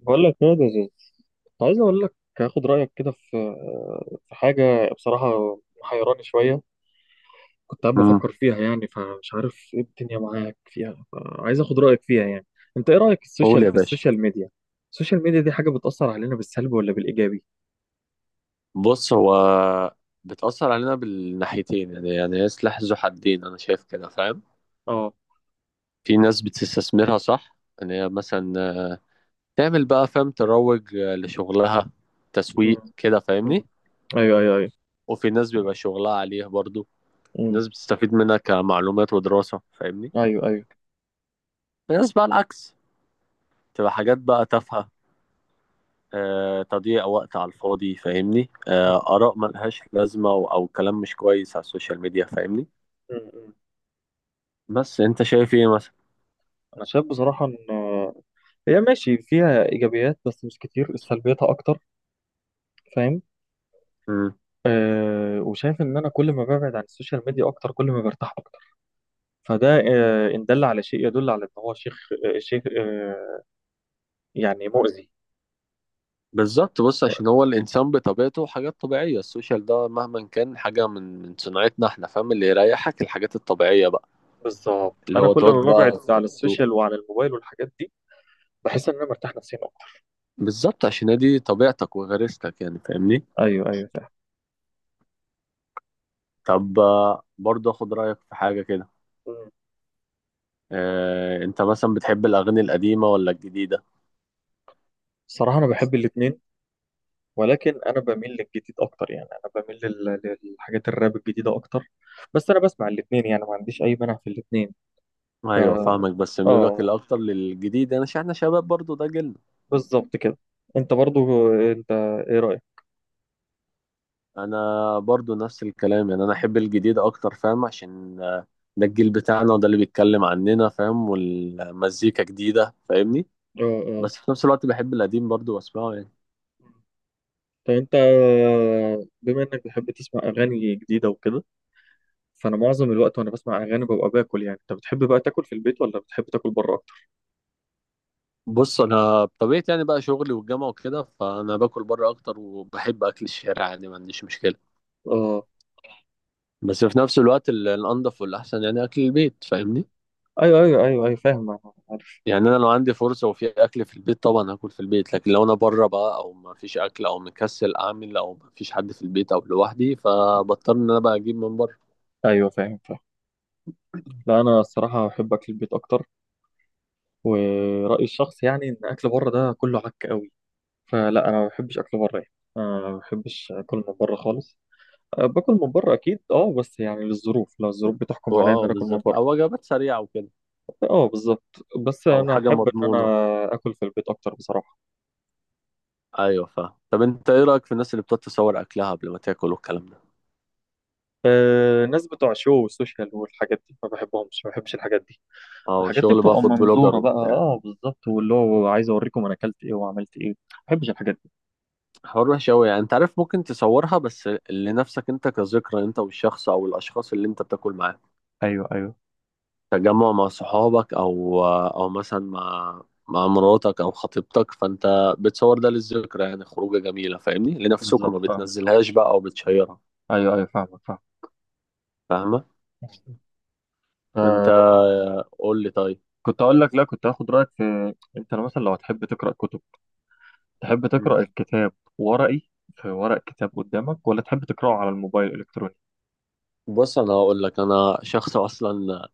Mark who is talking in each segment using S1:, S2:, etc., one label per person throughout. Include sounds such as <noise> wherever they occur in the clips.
S1: بقول لك يا دزوز، عايز اقول لك، هاخد رايك كده في حاجه بصراحه محيراني شويه. كنت قاعد
S2: امم
S1: بفكر فيها يعني، فمش عارف ايه الدنيا معاك فيها، عايز اخد رايك فيها يعني. انت ايه رايك في
S2: قول
S1: السوشيال،
S2: يا
S1: في
S2: باشا.
S1: السوشيال ميديا؟ السوشيال ميديا دي حاجه بتاثر علينا بالسلب ولا بالايجابي؟
S2: بص، هو بتأثر علينا بالناحيتين، يعني هي سلاح ذو حدين. أنا شايف كده، فاهم.
S1: اه.
S2: في ناس بتستثمرها صح، إن هي مثلا تعمل بقى، فاهم، تروج لشغلها،
S1: مم.
S2: تسويق كده،
S1: مم.
S2: فاهمني.
S1: ايوه ايوه ايوه.
S2: وفي ناس بيبقى شغلها عليه برضو. في
S1: مم.
S2: ناس بتستفيد منها كمعلومات ودراسة، فاهمني.
S1: ايوه ايوه.
S2: في ناس بقى العكس، تبقى حاجات بقى تافهة. تضييع وقت على الفاضي، فاهمني.
S1: مم.
S2: آراء ملهاش لازمة، أو كلام مش كويس على السوشيال ميديا، فاهمني.
S1: مم. مم.
S2: بس انت شايف ايه مثلا؟
S1: انا شايف بصراحه ان هي ماشي فيها ايجابيات بس مش كتير، سلبياتها اكتر. فاهم؟
S2: مم.
S1: أه، وشايف ان انا كل ما ببعد عن السوشيال ميديا اكتر كل ما برتاح اكتر. فده أه ان دل على شيء يدل على ان هو شيخ، أه شيخ أه، يعني مؤذي.
S2: بالظبط. بص، عشان هو الانسان بطبيعته حاجات طبيعيه، السوشيال ده مهما كان حاجه من صناعتنا احنا، فاهم، اللي يريحك الحاجات الطبيعيه بقى،
S1: بالظبط،
S2: اللي
S1: انا
S2: هو
S1: كل
S2: تقعد
S1: ما ببعد
S2: بقى في
S1: عن
S2: الهدوء.
S1: السوشيال وعن الموبايل والحاجات دي بحس ان انا مرتاح نفسيا اكتر.
S2: بالظبط، عشان هي دي طبيعتك وغريزتك، يعني فاهمني.
S1: ايوه ايوه فاهم.
S2: طب برضه اخد رايك في حاجه كده.
S1: مم.
S2: اه، انت مثلا بتحب الاغاني القديمه ولا الجديده؟
S1: الصراحه انا بحب الاثنين، ولكن انا بميل للجديد اكتر. يعني انا بميل للحاجات الراب الجديده اكتر، بس انا بسمع الاثنين يعني ما عنديش اي مانع في الاثنين. ف
S2: ايوه، فاهمك، بس ميولك
S1: اه،
S2: الاكتر للجديد. انا يعني احنا شباب برضه، ده جيلنا.
S1: بالظبط كده. انت برضو انت ايه رايك؟
S2: انا برضو نفس الكلام، يعني انا احب الجديد اكتر، فاهم، عشان ده الجيل بتاعنا وده اللي بيتكلم عننا، فاهم، والمزيكا جديدة، فاهمني.
S1: اه اه.
S2: بس في نفس الوقت بحب القديم برضو واسمعه يعني.
S1: طب انت بما انك بتحب تسمع اغاني جديده وكده، فانا معظم الوقت وانا بسمع اغاني ببقى باكل، يعني انت بتحب بقى تاكل في البيت ولا بتحب تاكل بره اكتر؟
S2: بص، انا بطبيعتي يعني بقى شغلي والجامعة وكده، فانا باكل بره اكتر، وبحب اكل الشارع، يعني ما عنديش مشكلة.
S1: اه.
S2: بس في نفس الوقت الانضف والاحسن يعني اكل البيت، فاهمني.
S1: ايوه ايوه ايوه ايوه فاهم أنا، عارف.
S2: يعني انا لو عندي فرصه وفي اكل في البيت، طبعا هاكل في البيت. لكن لو انا بره بقى، او ما فيش اكل، او مكسل اعمل، او ما فيش حد في البيت او لوحدي، فبضطر ان انا بقى اجيب من بره.
S1: ايوه فاهم فاهم. لا انا الصراحه بحب اكل البيت اكتر، ورايي الشخصي يعني ان اكل بره ده كله عك قوي، فلا انا ما بحبش اكل بره يعني. أنا ما بحبش اكل من بره خالص. أه، باكل من بره اكيد اه، بس يعني للظروف، لو الظروف بتحكم عليا ان
S2: اه،
S1: انا اكل من
S2: بالظبط،
S1: بره.
S2: او وجبات سريعه وكده،
S1: اه بالظبط، بس
S2: او
S1: انا
S2: حاجه
S1: احب ان انا
S2: مضمونه.
S1: اكل في البيت اكتر بصراحه.
S2: ايوه، فاهم. طب انت ايه رايك في الناس اللي بتتصور اكلها قبل ما تاكل والكلام ده؟
S1: آه، الناس بتوع الشو والسوشيال والحاجات دي ما بحبهمش، ما بحبش الحاجات دي.
S2: اه،
S1: الحاجات دي
S2: شغل بقى
S1: بتبقى
S2: فود بلوجر
S1: منظوره بقى،
S2: وبتاع.
S1: اه بالظبط، واللي هو عايز اوريكم انا اكلت ايه وعملت ايه، ما بحبش الحاجات دي.
S2: حوار وحش قوي يعني، انت عارف، ممكن تصورها بس لنفسك انت، كذكرى انت والشخص او الاشخاص اللي انت بتاكل معاهم.
S1: ايوه ايوه.
S2: تجمع مع صحابك، او مثلا مع مراتك او خطيبتك، فانت بتصور ده للذكرى، يعني خروجه جميله، فاهمني، لنفسكم، ما
S1: بالظبط فاهم.
S2: بتنزلهاش بقى او بتشيرها.
S1: ايوه ايوه فاهمك فاهم.
S2: فاهمه. انت
S1: آه،
S2: قول لي طيب.
S1: كنت اقول لك لا، كنت هاخد رايك في انت لو مثلا لو هتحب تقرا كتب، تحب
S2: مم.
S1: تقرا الكتاب ورقي، في ورق كتاب قدامك، ولا تحب تقراه على الموبايل الالكتروني؟
S2: بص، انا هقول لك، انا شخص اصلا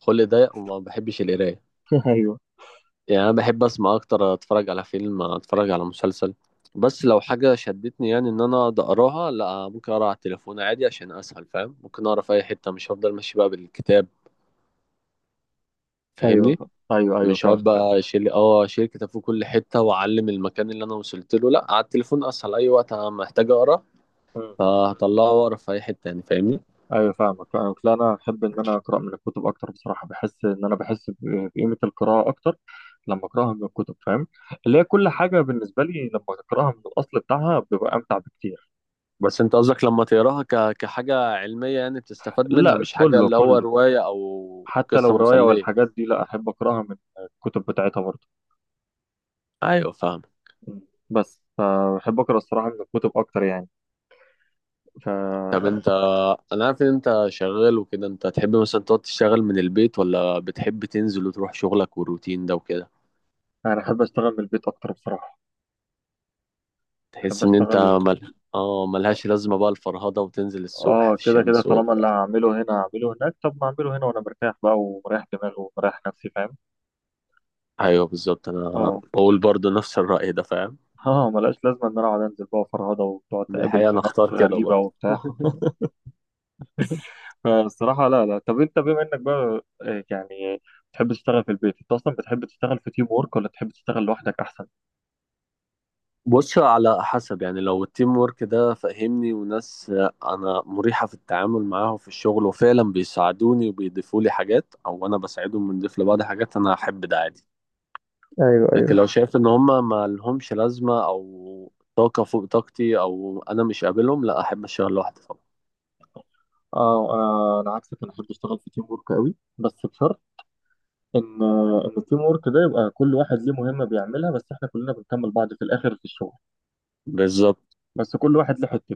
S2: خلق ضيق وما بحبش القرايه.
S1: <laughs> ايوه.
S2: يعني انا بحب اسمع اكتر، اتفرج على فيلم، اتفرج على مسلسل. بس لو حاجه شدتني، يعني ان انا أقعد اقراها، لا، ممكن اقرا على التليفون عادي، عشان اسهل، فاهم، ممكن اقرا في اي حته، مش هفضل ماشي بقى بالكتاب، فاهمني.
S1: ايوه ايوه ايوه
S2: مش
S1: فاهم
S2: هقعد بقى اشيل كتاب في كل حته واعلم المكان اللي انا وصلت له، لا، على التليفون اسهل، اي وقت انا محتاج اقرا
S1: فاهم.
S2: فهطلعه واقرا في اي حته يعني، فاهمني.
S1: ايوه فاهمك فاهمك. لا انا احب ان انا اقرا من الكتب اكتر بصراحه. بحس ان انا بحس بقيمه القراءه اكتر لما اقراها من الكتب، فاهم؟ اللي هي كل حاجه بالنسبه لي لما اقراها من الاصل بتاعها ببقى امتع بكتير.
S2: بس انت قصدك لما تقراها كحاجه علميه، يعني بتستفاد منها،
S1: لا
S2: مش حاجه
S1: كله
S2: اللي هو
S1: كله،
S2: روايه او
S1: حتى
S2: قصه
S1: لو روايه
S2: مسليه؟
S1: والحاجات دي، لا، احب اقراها من الكتب بتاعتها برضه.
S2: ايوه، فاهم.
S1: بس فبحب اقرا الصراحه من الكتب اكتر يعني.
S2: طب
S1: فانا
S2: انا عارف ان انت شغال وكده، انت تحب مثلا تقعد تشتغل من البيت، ولا بتحب تنزل وتروح شغلك والروتين ده وكده؟
S1: احب اشتغل من البيت اكتر بصراحه. احب
S2: تحس ان انت
S1: اشتغل.
S2: اه، ملهاش لازمه بقى الفرهده وتنزل الصبح
S1: اه
S2: في
S1: كده كده،
S2: الشمس
S1: طالما اللي
S2: والبتاع.
S1: هعمله هنا هعمله هناك، طب ما اعمله هنا وانا مرتاح بقى ومريح دماغي ومريح نفسي، فاهم؟
S2: ايوه، بالظبط، انا
S1: اه.
S2: بقول برضو نفس الراي ده، فاهم.
S1: <laughs> اه ملهاش لازمه ان انا اقعد انزل بقى فرهضه وتقعد
S2: دي
S1: تقابل
S2: الحقيقه،
S1: في
S2: انا
S1: ناس
S2: اختار كده
S1: غريبه
S2: برضو.
S1: وبتاع <laughs>
S2: <laughs>
S1: فالصراحه لا لا. طب انت بما انك بقى يعني بتحب تشتغل في البيت، انت اصلا بتحب تشتغل في تيم وورك ولا تحب تشتغل لوحدك احسن؟
S2: بص، على حسب. يعني لو التيم ورك ده، فاهمني، وناس انا مريحه في التعامل معاهم في الشغل، وفعلا بيساعدوني وبيضيفوا لي حاجات، او انا بساعدهم بنضيف لبعض حاجات، انا هحب ده عادي.
S1: ايوه
S2: لكن
S1: ايوه.
S2: لو شايف ان هم ما لهمش لازمه، او طاقه فوق طاقتي، او انا مش قابلهم، لا، احب اشتغل لوحدي طبعا.
S1: اه، انا عكسك، انا احب اشتغل في تيم وورك قوي، بس بشرط ان التيم وورك ده يبقى كل واحد ليه مهمه بيعملها، بس احنا كلنا بنكمل بعض في الاخر في الشغل.
S2: بالظبط.
S1: بس كل واحد له حته،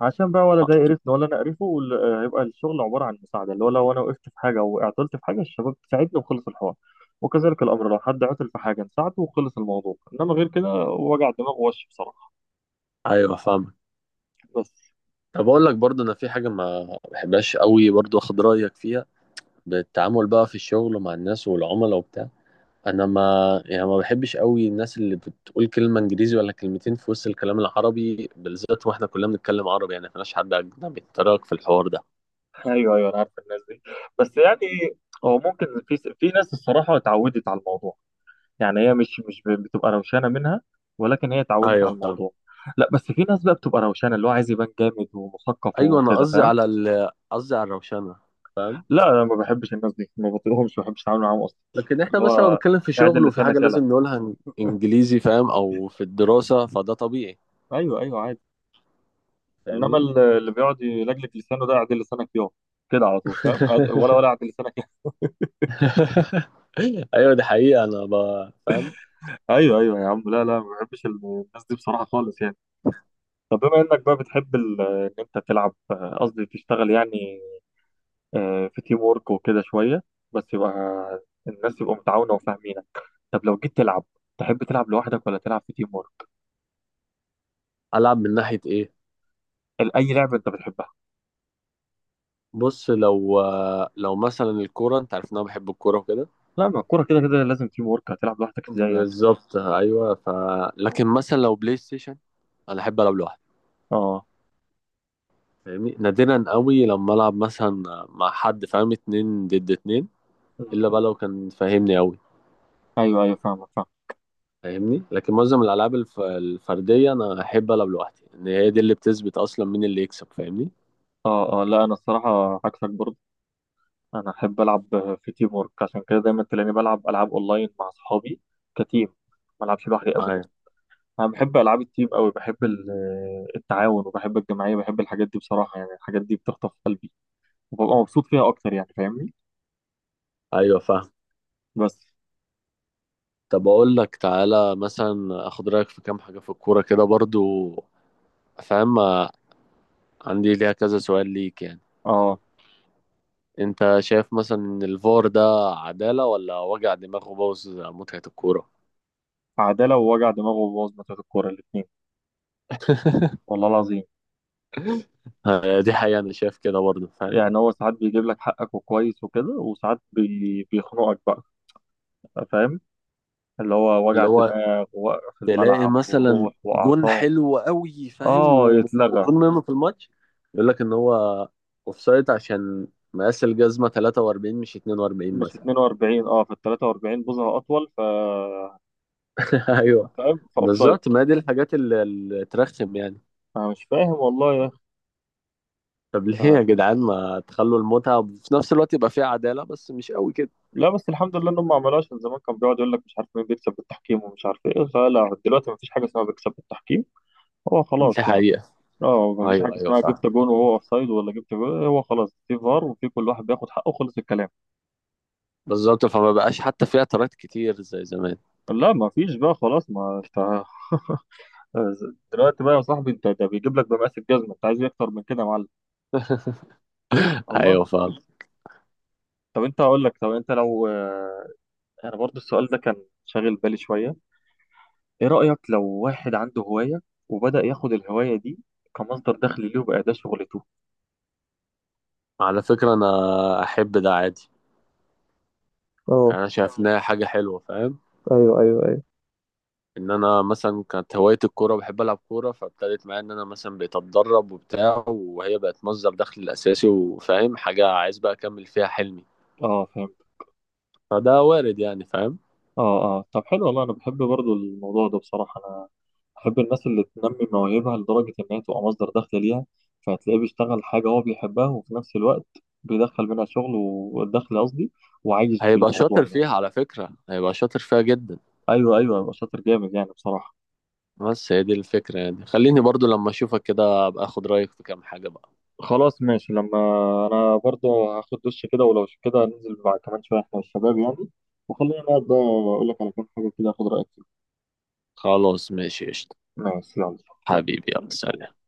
S1: عشان بقى ولا ده يقرفنا ولا انا اقرفه، هيبقى الشغل عباره عن مساعده، اللي هو لو انا وقفت في حاجه وعطلت في حاجه الشباب تساعدني وخلص الحوار، وكذلك الامر لو حد عطل في حاجه نساعده وخلص الموضوع، انما غير كده وجع دماغ وش بصراحه.
S2: ايوه، فاهمك.
S1: بس.
S2: طب اقول لك برضه، انا في حاجه ما بحبهاش قوي، برضه اخد رايك فيها. بالتعامل بقى في الشغل مع الناس والعملاء وبتاع. انا ما يعني ما بحبش قوي الناس اللي بتقول كلمه انجليزي ولا كلمتين في وسط الكلام العربي، بالذات واحنا كلنا بنتكلم عربي، يعني مفيناش حد اجنبي يتطرق في الحوار ده.
S1: ايوه ايوه انا عارف الناس دي، بس يعني هو ممكن في ناس الصراحه اتعودت على الموضوع، يعني هي مش مش ب- بتبقى روشانه منها، ولكن هي اتعودت
S2: ايوه،
S1: على
S2: فاهم.
S1: الموضوع. لا، بس في ناس بقى بتبقى روشانه، اللي هو عايز يبان جامد ومثقف
S2: ايوه، انا
S1: وكده،
S2: قصدي
S1: فاهم؟
S2: على الروشنه، فاهم.
S1: لا انا ما بحبش الناس دي، ما بطيقهمش، ما بحبش اتعامل معاهم اصلا.
S2: لكن احنا
S1: اللي
S2: مثلا
S1: هو
S2: بنتكلم في
S1: اعدل
S2: شغل وفي حاجه
S1: لسانك يلا.
S2: لازم نقولها انجليزي، فاهم، او في الدراسه، فده طبيعي،
S1: ايوه ايوه عادي. انما
S2: فاهمني.
S1: اللي بيقعد يلجلج لسانه ده اعدل لسانك يلا كده على طول، فاهم؟ أعد- ولا
S2: <laughs>
S1: ولا اعدل لسانك <laughs> يا.
S2: <laughs> ايوه، دي حقيقة. انا فاهم.
S1: ايوه ايوه يا عم. لا لا ما بحبش الناس دي بصراحه خالص يعني. طب بما انك بقى بتحب ان انت تلعب، قصدي تشتغل يعني، في تيم وورك وكده شويه، بس يبقى الناس يبقوا متعاونه وفاهمينك. طب لو جيت تلعب، تحب تلعب لوحدك ولا تلعب في تيم وورك؟
S2: العب من ناحية ايه؟
S1: اي لعبه انت بتحبها.
S2: بص، لو مثلا الكورة، انت عارف ان انا بحب الكورة وكده.
S1: لا، ما الكورة كده كده لازم تيم ورك، هتلعب لوحدك ازاي يعني؟
S2: بالظبط، ايوه، لكن مثلا لو بلاي ستيشن، انا احب العب لوحدي.
S1: اه.
S2: فاهمني، نادرا قوي لما العب مثلا مع حد، فاهم، اتنين ضد اتنين، الا
S1: آه،
S2: بقى لو كان فاهمني قوي.
S1: ايوه ايوه فاهمك فاهم.
S2: فاهمني، لكن معظم الالعاب الفردية انا احب العب لوحدي، ان هي دي اللي بتثبت اصلا مين اللي يكسب، فاهمني.
S1: اه اه. لا انا الصراحة عكسك برضه. انا احب العب في تيم ورك، عشان كده دايما تلاقيني بلعب العاب اونلاين مع اصحابي كتيم، ما العبش لوحدي ابدا.
S2: ايوه،
S1: انا بحب العاب التيم قوي، بحب التعاون، وبحب الجماعية، بحب الحاجات دي بصراحة. يعني الحاجات دي بتخطف قلبي وببقى مبسوط فيها اكتر يعني، فاهمني؟
S2: ايوه.
S1: بس.
S2: طب اقول لك، تعالى مثلا اخد رايك في كام حاجه في الكوره كده برضو، فاهم. عندي ليها كذا سؤال ليك يعني.
S1: اه.
S2: انت شايف مثلا ان الفار ده عداله، ولا وجع دماغ وبوظ متعه الكوره؟
S1: عدالة ووجع دماغ وبوظ ماتشات الكورة الاتنين، والله العظيم.
S2: دي حقيقه، انا شايف كده برضو، فاهم.
S1: يعني هو ساعات بيجيب لك حقك وكويس وكده، وساعات بيخنقك بقى، فاهم؟ اللي هو وجع
S2: اللي هو
S1: دماغ ووقف
S2: تلاقي
S1: الملعب
S2: مثلا
S1: وروح
S2: جون
S1: وأعصاب.
S2: حلو قوي، فاهم،
S1: اه يتلغى.
S2: وجون مهم في الماتش. يقول لك ان هو اوفسايد عشان مقاس الجزمه 43 مش 42
S1: مش
S2: مثلا.
S1: 42، اه في 43 بوزة أطول، ف
S2: <laughs> ايوه،
S1: فاهم؟ فأوفسايد.
S2: بالظبط، ما دي الحاجات اللي ترخم يعني.
S1: أنا مش فاهم والله يا أخي.
S2: طب ليه
S1: آه.
S2: يا جدعان ما تخلوا المتعة، وفي نفس الوقت يبقى فيها عدالة، بس مش قوي كده؟
S1: لا بس الحمد لله إنهم ما عملوهاش، من زمان كان بيقعد يقول لك مش عارف مين بيكسب بالتحكيم ومش عارف إيه، فلا دلوقتي مفيش حاجة اسمها بيكسب بالتحكيم، هو
S2: دي
S1: خلاص يعني.
S2: حقيقة.
S1: اه مفيش حاجه
S2: أيوه، أيوه،
S1: اسمها
S2: فاهم.
S1: جبت جون وهو اوفسايد ولا جبت جون، هو خلاص في فار، وفي كل واحد بياخد حقه، خلص الكلام.
S2: بالظبط، فما بقاش حتى فيها اعتراض كتير زي زمان.
S1: لا مفيش بقى خلاص، ما انت آه، دلوقتي بقى يا صاحبي انت، ده بيجيب لك بمقاس الجزمه، انت عايز ايه اكتر من كده يا معلم؟ الله.
S2: أيوه، فاهم.
S1: طب انت هقول لك، طب انت لو آه، انا برضو السؤال ده كان شاغل بالي شويه. ايه رايك لو واحد عنده هوايه وبدا ياخد الهوايه دي كمصدر دخل ليه وبقى ده شغلته؟
S2: على فكرة، أنا أحب ده عادي.
S1: اه.
S2: يعني أنا شايف إنها حاجة حلوة، فاهم.
S1: ايوه ايوه ايوه.
S2: إن أنا مثلا كانت هواية الكورة، بحب ألعب كورة، فابتدت معايا إن أنا مثلا بقيت أتدرب وبتاع، وهي بقت مصدر دخل الأساسي، وفاهم، حاجة عايز بقى أكمل فيها حلمي.
S1: اه
S2: فده وارد يعني، فاهم.
S1: اه اه. طب حلو والله، انا بحب برضو الموضوع ده بصراحه. انا بحب الناس اللي تنمي مواهبها لدرجه انها تبقى مصدر دخل ليها، فهتلاقيه بيشتغل حاجه هو بيحبها وفي نفس الوقت بيدخل منها شغل والدخل قصدي، وعايش
S2: هيبقى
S1: بالموضوع
S2: شاطر
S1: يعني.
S2: فيها، على فكرة، هيبقى شاطر فيها جدا.
S1: ايوه ايوه هيبقى شاطر جامد يعني بصراحه.
S2: بس هي دي الفكرة، يعني خليني برضو لما أشوفك كده أبقى أخد رأيك في كام حاجة بقى.
S1: خلاص ماشي. لما انا برضو هاخد دش كده، ولو كده ننزل بعد كمان شويه احنا والشباب يعني، وخلينا نقعد بقى اقول لك على كام حاجه كده اخد رايك فيها.
S2: خلاص، ماشي، قشطة.
S1: ماشي يلا. يلا
S2: حبيبي، يلا،
S1: سلام.
S2: سلام.